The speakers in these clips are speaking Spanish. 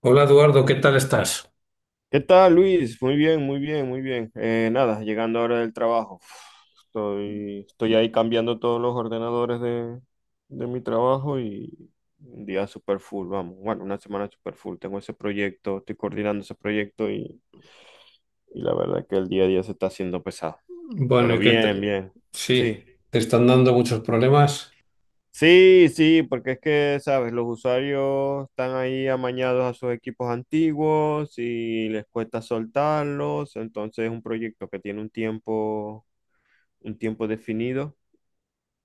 Hola Eduardo, ¿qué tal estás? ¿Qué tal, Luis? Muy bien, muy bien, muy bien. Nada, llegando ahora del trabajo. Uf, estoy ahí cambiando todos los ordenadores de mi trabajo y un día super full, vamos. Bueno, una semana super full. Tengo ese proyecto, estoy coordinando ese proyecto y la verdad que el día a día se está haciendo pesado. Bueno, Pero ¿y qué bien, te- bien. Sí, Sí, te están dando muchos problemas. sí, sí, porque es que, sabes, los usuarios están ahí amañados a sus equipos antiguos y les cuesta soltarlos, entonces es un proyecto que tiene un tiempo definido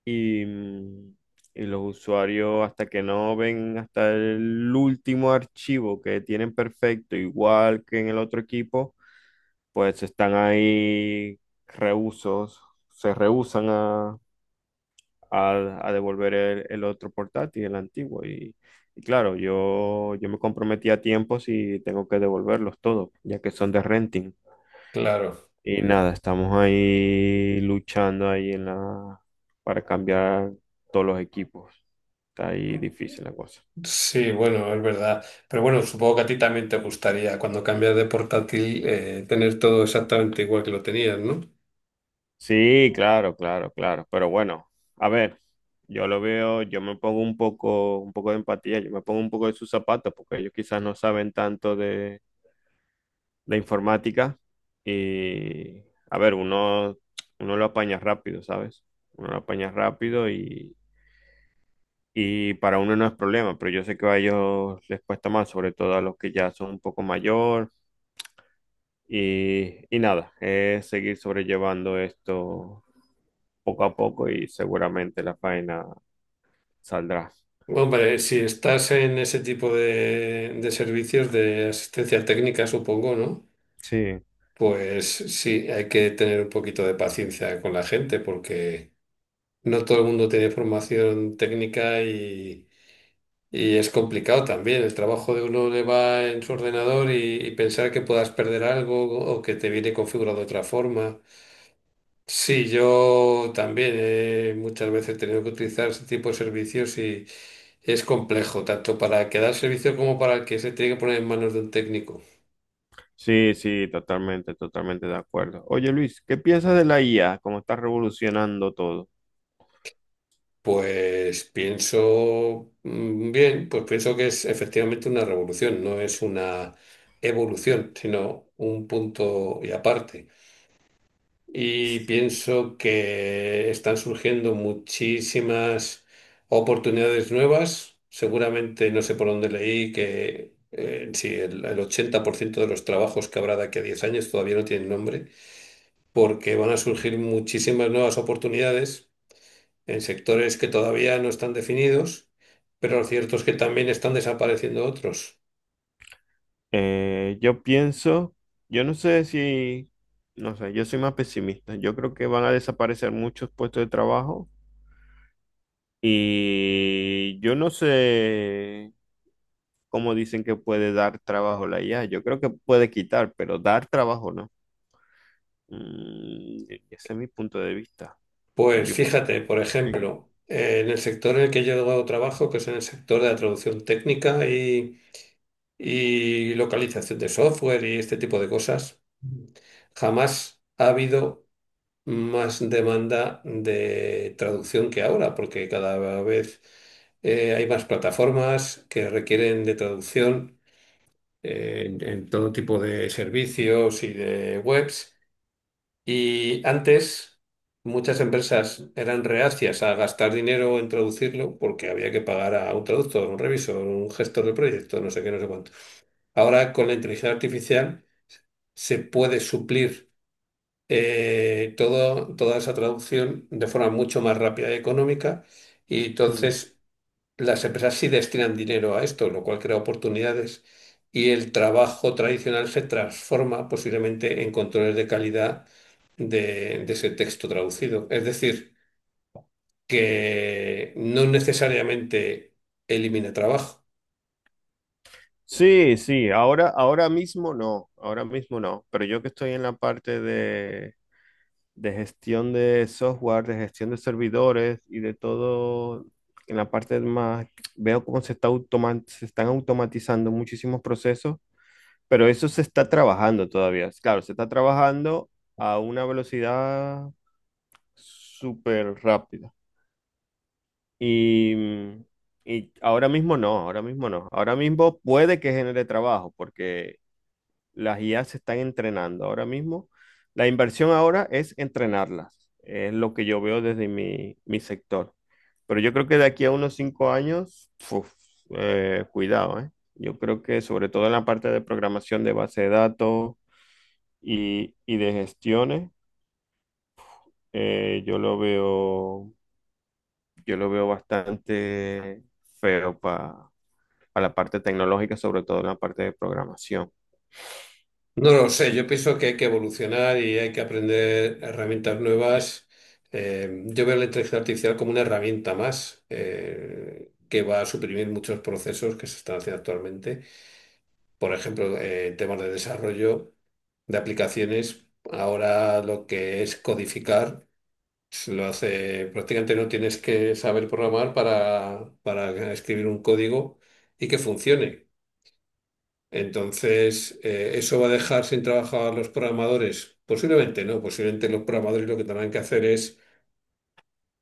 y y los usuarios hasta que no ven hasta el último archivo que tienen perfecto, igual que en el otro equipo, pues están ahí rehúsos, se rehusan a devolver el otro portátil, el antiguo. Y claro, yo me comprometí a tiempo si tengo que devolverlos todos, ya que son de renting. Claro, Y nada, estamos ahí luchando ahí en la, para cambiar todos los equipos. Está ahí difícil la cosa. sí, bueno, es verdad. Pero bueno, supongo que a ti también te gustaría cuando cambias de portátil, tener todo exactamente igual que lo tenías, ¿no? Sí, claro, claro, claro. Pero bueno, a ver, yo lo veo, yo me pongo un poco de empatía, yo me pongo un poco de sus zapatos, porque ellos quizás no saben tanto de la informática y, a ver, uno, uno lo apaña rápido, ¿sabes? Uno lo apaña rápido y para uno no es problema, pero yo sé que a ellos les cuesta más, sobre todo a los que ya son un poco mayor y nada, es seguir sobrellevando esto poco a poco y seguramente la faena saldrá. Hombre, si estás en ese tipo de servicios de asistencia técnica, supongo, ¿no? Sí, Pues sí, hay que tener un poquito de paciencia con la gente porque no todo el mundo tiene formación técnica. Y... Y es complicado también, el trabajo de uno le va en su ordenador y pensar que puedas perder algo o que te viene configurado de otra forma. Sí, yo también, he muchas veces he tenido que utilizar ese tipo de servicios y es complejo, tanto para el que da el servicio como para el que se tiene que poner en manos de un técnico. sí, sí, totalmente, totalmente de acuerdo. Oye Luis, ¿qué piensas de la IA? ¿Cómo está revolucionando todo? Pues pienso, bien, pues pienso que es efectivamente una revolución, no es una evolución, sino un punto y aparte. Y pienso que están surgiendo muchísimas oportunidades nuevas. Seguramente, no sé por dónde leí, que sí, el 80% de los trabajos que habrá de aquí a 10 años todavía no tienen nombre, porque van a surgir muchísimas nuevas oportunidades en sectores que todavía no están definidos, pero lo cierto es que también están desapareciendo otros. Yo pienso, yo no sé si, no sé, yo soy más pesimista. Yo creo que van a desaparecer muchos puestos de trabajo y yo no sé cómo dicen que puede dar trabajo la IA. Yo creo que puede quitar, pero dar trabajo no. Ese es mi punto de vista. Pues Yo. fíjate, por ejemplo, en el sector en el que yo trabajo, que es en el sector de la traducción técnica y localización de software y este tipo de cosas, jamás ha habido más demanda de traducción que ahora, porque cada vez hay más plataformas que requieren de traducción, en todo tipo de servicios y de webs. Y antes muchas empresas eran reacias a gastar dinero en traducirlo porque había que pagar a un traductor, un revisor, un gestor de proyecto, no sé qué, no sé cuánto. Ahora con la inteligencia artificial se puede suplir, toda esa traducción de forma mucho más rápida y económica, y Ujú. entonces las empresas sí destinan dinero a esto, lo cual crea oportunidades, y el trabajo tradicional se transforma posiblemente en controles de calidad de ese texto traducido. Es decir, que no necesariamente elimina trabajo. Sí, sí, ahora, ahora mismo no, pero yo que estoy en la parte de gestión de software, de gestión de servidores y de todo. En la parte más, veo cómo se está se están automatizando muchísimos procesos, pero eso se está trabajando todavía. Claro, se está trabajando a una velocidad súper rápida. Y, y ahora mismo no, ahora mismo no. Ahora mismo puede que genere trabajo, porque las IA se están entrenando ahora mismo. La inversión ahora es entrenarlas, es lo que yo veo desde mi, mi sector. Pero yo creo que de aquí a unos 5 años, uf, cuidado, ¿eh? Yo creo que sobre todo en la parte de programación de base de datos y de gestiones, eh, yo lo veo, yo lo veo bastante feo para la parte tecnológica, sobre todo en la parte de programación. No lo sé, Sí. yo pienso que hay que evolucionar y hay que aprender herramientas nuevas. Yo veo la inteligencia artificial como una herramienta más, que va a suprimir muchos procesos que se están haciendo actualmente. Por ejemplo, en temas de desarrollo de aplicaciones, ahora lo que es codificar, se lo hace, prácticamente no tienes que saber programar para escribir un código y que funcione. Entonces, ¿eso va a dejar sin trabajo a los programadores? Posiblemente no, posiblemente los programadores lo que tendrán que hacer es,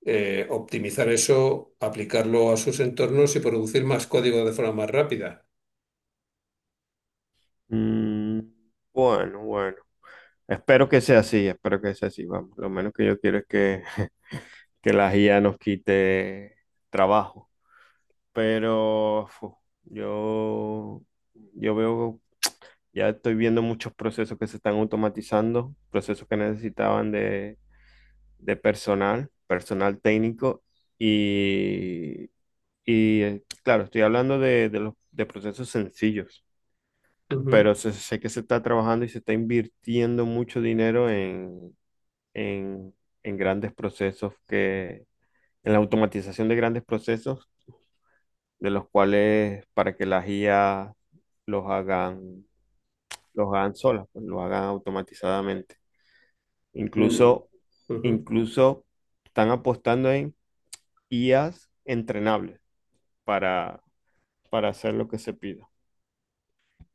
optimizar eso, aplicarlo a sus entornos y producir más código de forma más rápida. Mm, bueno, bueno. Espero que sea así, espero que sea así. Vamos, lo menos que yo quiero es que, que la IA nos quite trabajo. Pero fu, yo, yo veo, ya estoy viendo muchos procesos que se están automatizando, procesos que necesitaban de personal, personal técnico. Y, y claro, estoy hablando de los, de procesos sencillos, Ujú, pero sé, sé que se está trabajando y se está invirtiendo mucho dinero en, en grandes procesos que, en la automatización de grandes procesos, de los cuales para que las IA los hagan, los hagan solas, pues, los hagan automatizadamente. mm, Incluso, ujú. incluso están apostando en IAs entrenables para, para hacer lo que se pida.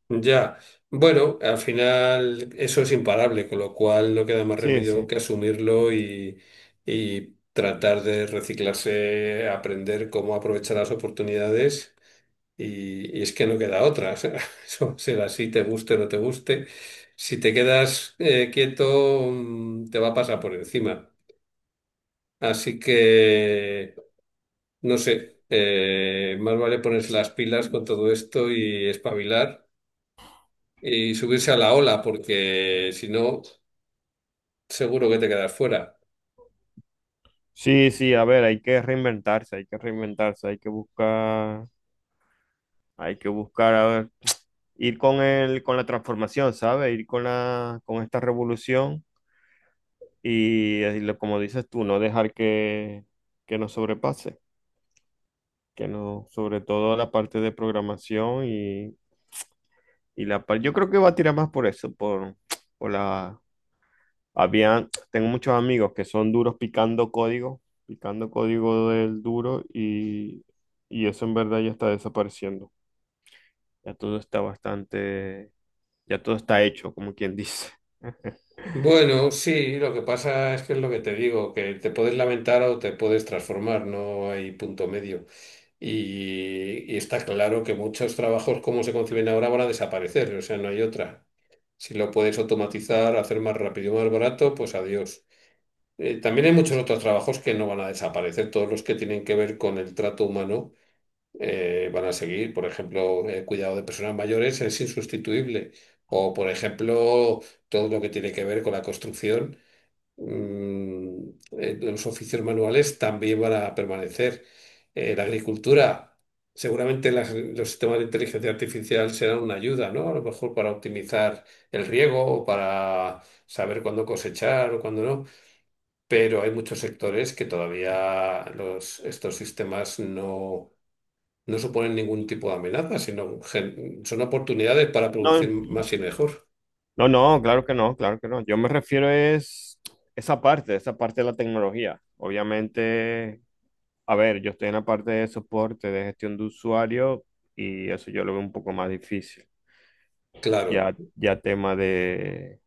Ya, bueno, al final eso es imparable, con lo cual no queda más Sí, remedio sí. que asumirlo, y tratar de reciclarse, aprender cómo aprovechar las oportunidades. Y es que no queda otra. O sea, eso será así, te guste o no te guste. Si te quedas, quieto, te va a pasar por encima. Así que, no sé, más vale ponerse las pilas con todo esto y espabilar y subirse a la ola, porque si no, seguro que te quedas fuera. Sí, sí, a ver, hay que reinventarse, hay que reinventarse, hay que buscar. Hay que buscar, a ver, ir con el, con la transformación, ¿sabes? Ir con la, con esta revolución y, como dices tú, no dejar que nos sobrepase, que no, sobre todo la parte de programación y la parte, yo creo que va a tirar más por eso, por la, había, tengo muchos amigos que son duros picando código del duro y eso en verdad ya está desapareciendo. Ya todo está bastante, ya todo está hecho, como quien dice. Bueno, sí, lo que pasa es que es lo que te digo, que te puedes lamentar o te puedes transformar, no hay punto medio. Y está claro que muchos trabajos como se conciben ahora van a desaparecer, o sea, no hay otra. Si lo puedes automatizar, hacer más rápido y más barato, pues adiós. También hay muchos otros trabajos que no van a desaparecer, todos los que tienen que ver con el trato humano, van a seguir. Por ejemplo, el cuidado de personas mayores es insustituible. O, por ejemplo, todo lo que tiene que ver con la construcción, mm, los oficios manuales también van a permanecer. La agricultura, seguramente los sistemas de inteligencia artificial serán una ayuda, ¿no? A lo mejor para optimizar el riego o para saber cuándo cosechar o cuándo no, pero hay muchos sectores que todavía los, estos sistemas no, no suponen ningún tipo de amenaza, sino son oportunidades para producir No, más y mejor. no, no, claro que no, claro que no. Yo me refiero es esa parte de la tecnología. Obviamente, a ver, yo estoy en la parte de soporte, de gestión de usuario y eso yo lo veo un poco más difícil. Claro. Ya, ya tema de...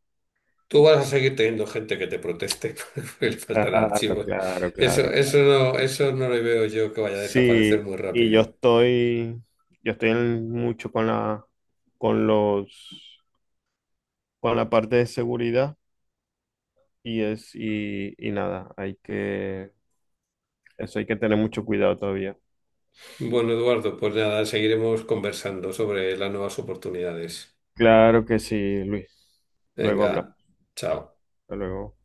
Tú vas a seguir teniendo gente que te proteste porque le faltan Claro, archivos. claro, Eso, claro, claro. Eso no le veo yo que vaya a desaparecer Sí, muy y rápido. Yo estoy mucho con la, con los con la parte de seguridad y es y nada, hay que eso hay que tener mucho cuidado todavía. Bueno, Eduardo, pues nada, seguiremos conversando sobre las nuevas oportunidades. Claro que sí, Luis. Luego hablamos. Venga, chao. Hasta luego.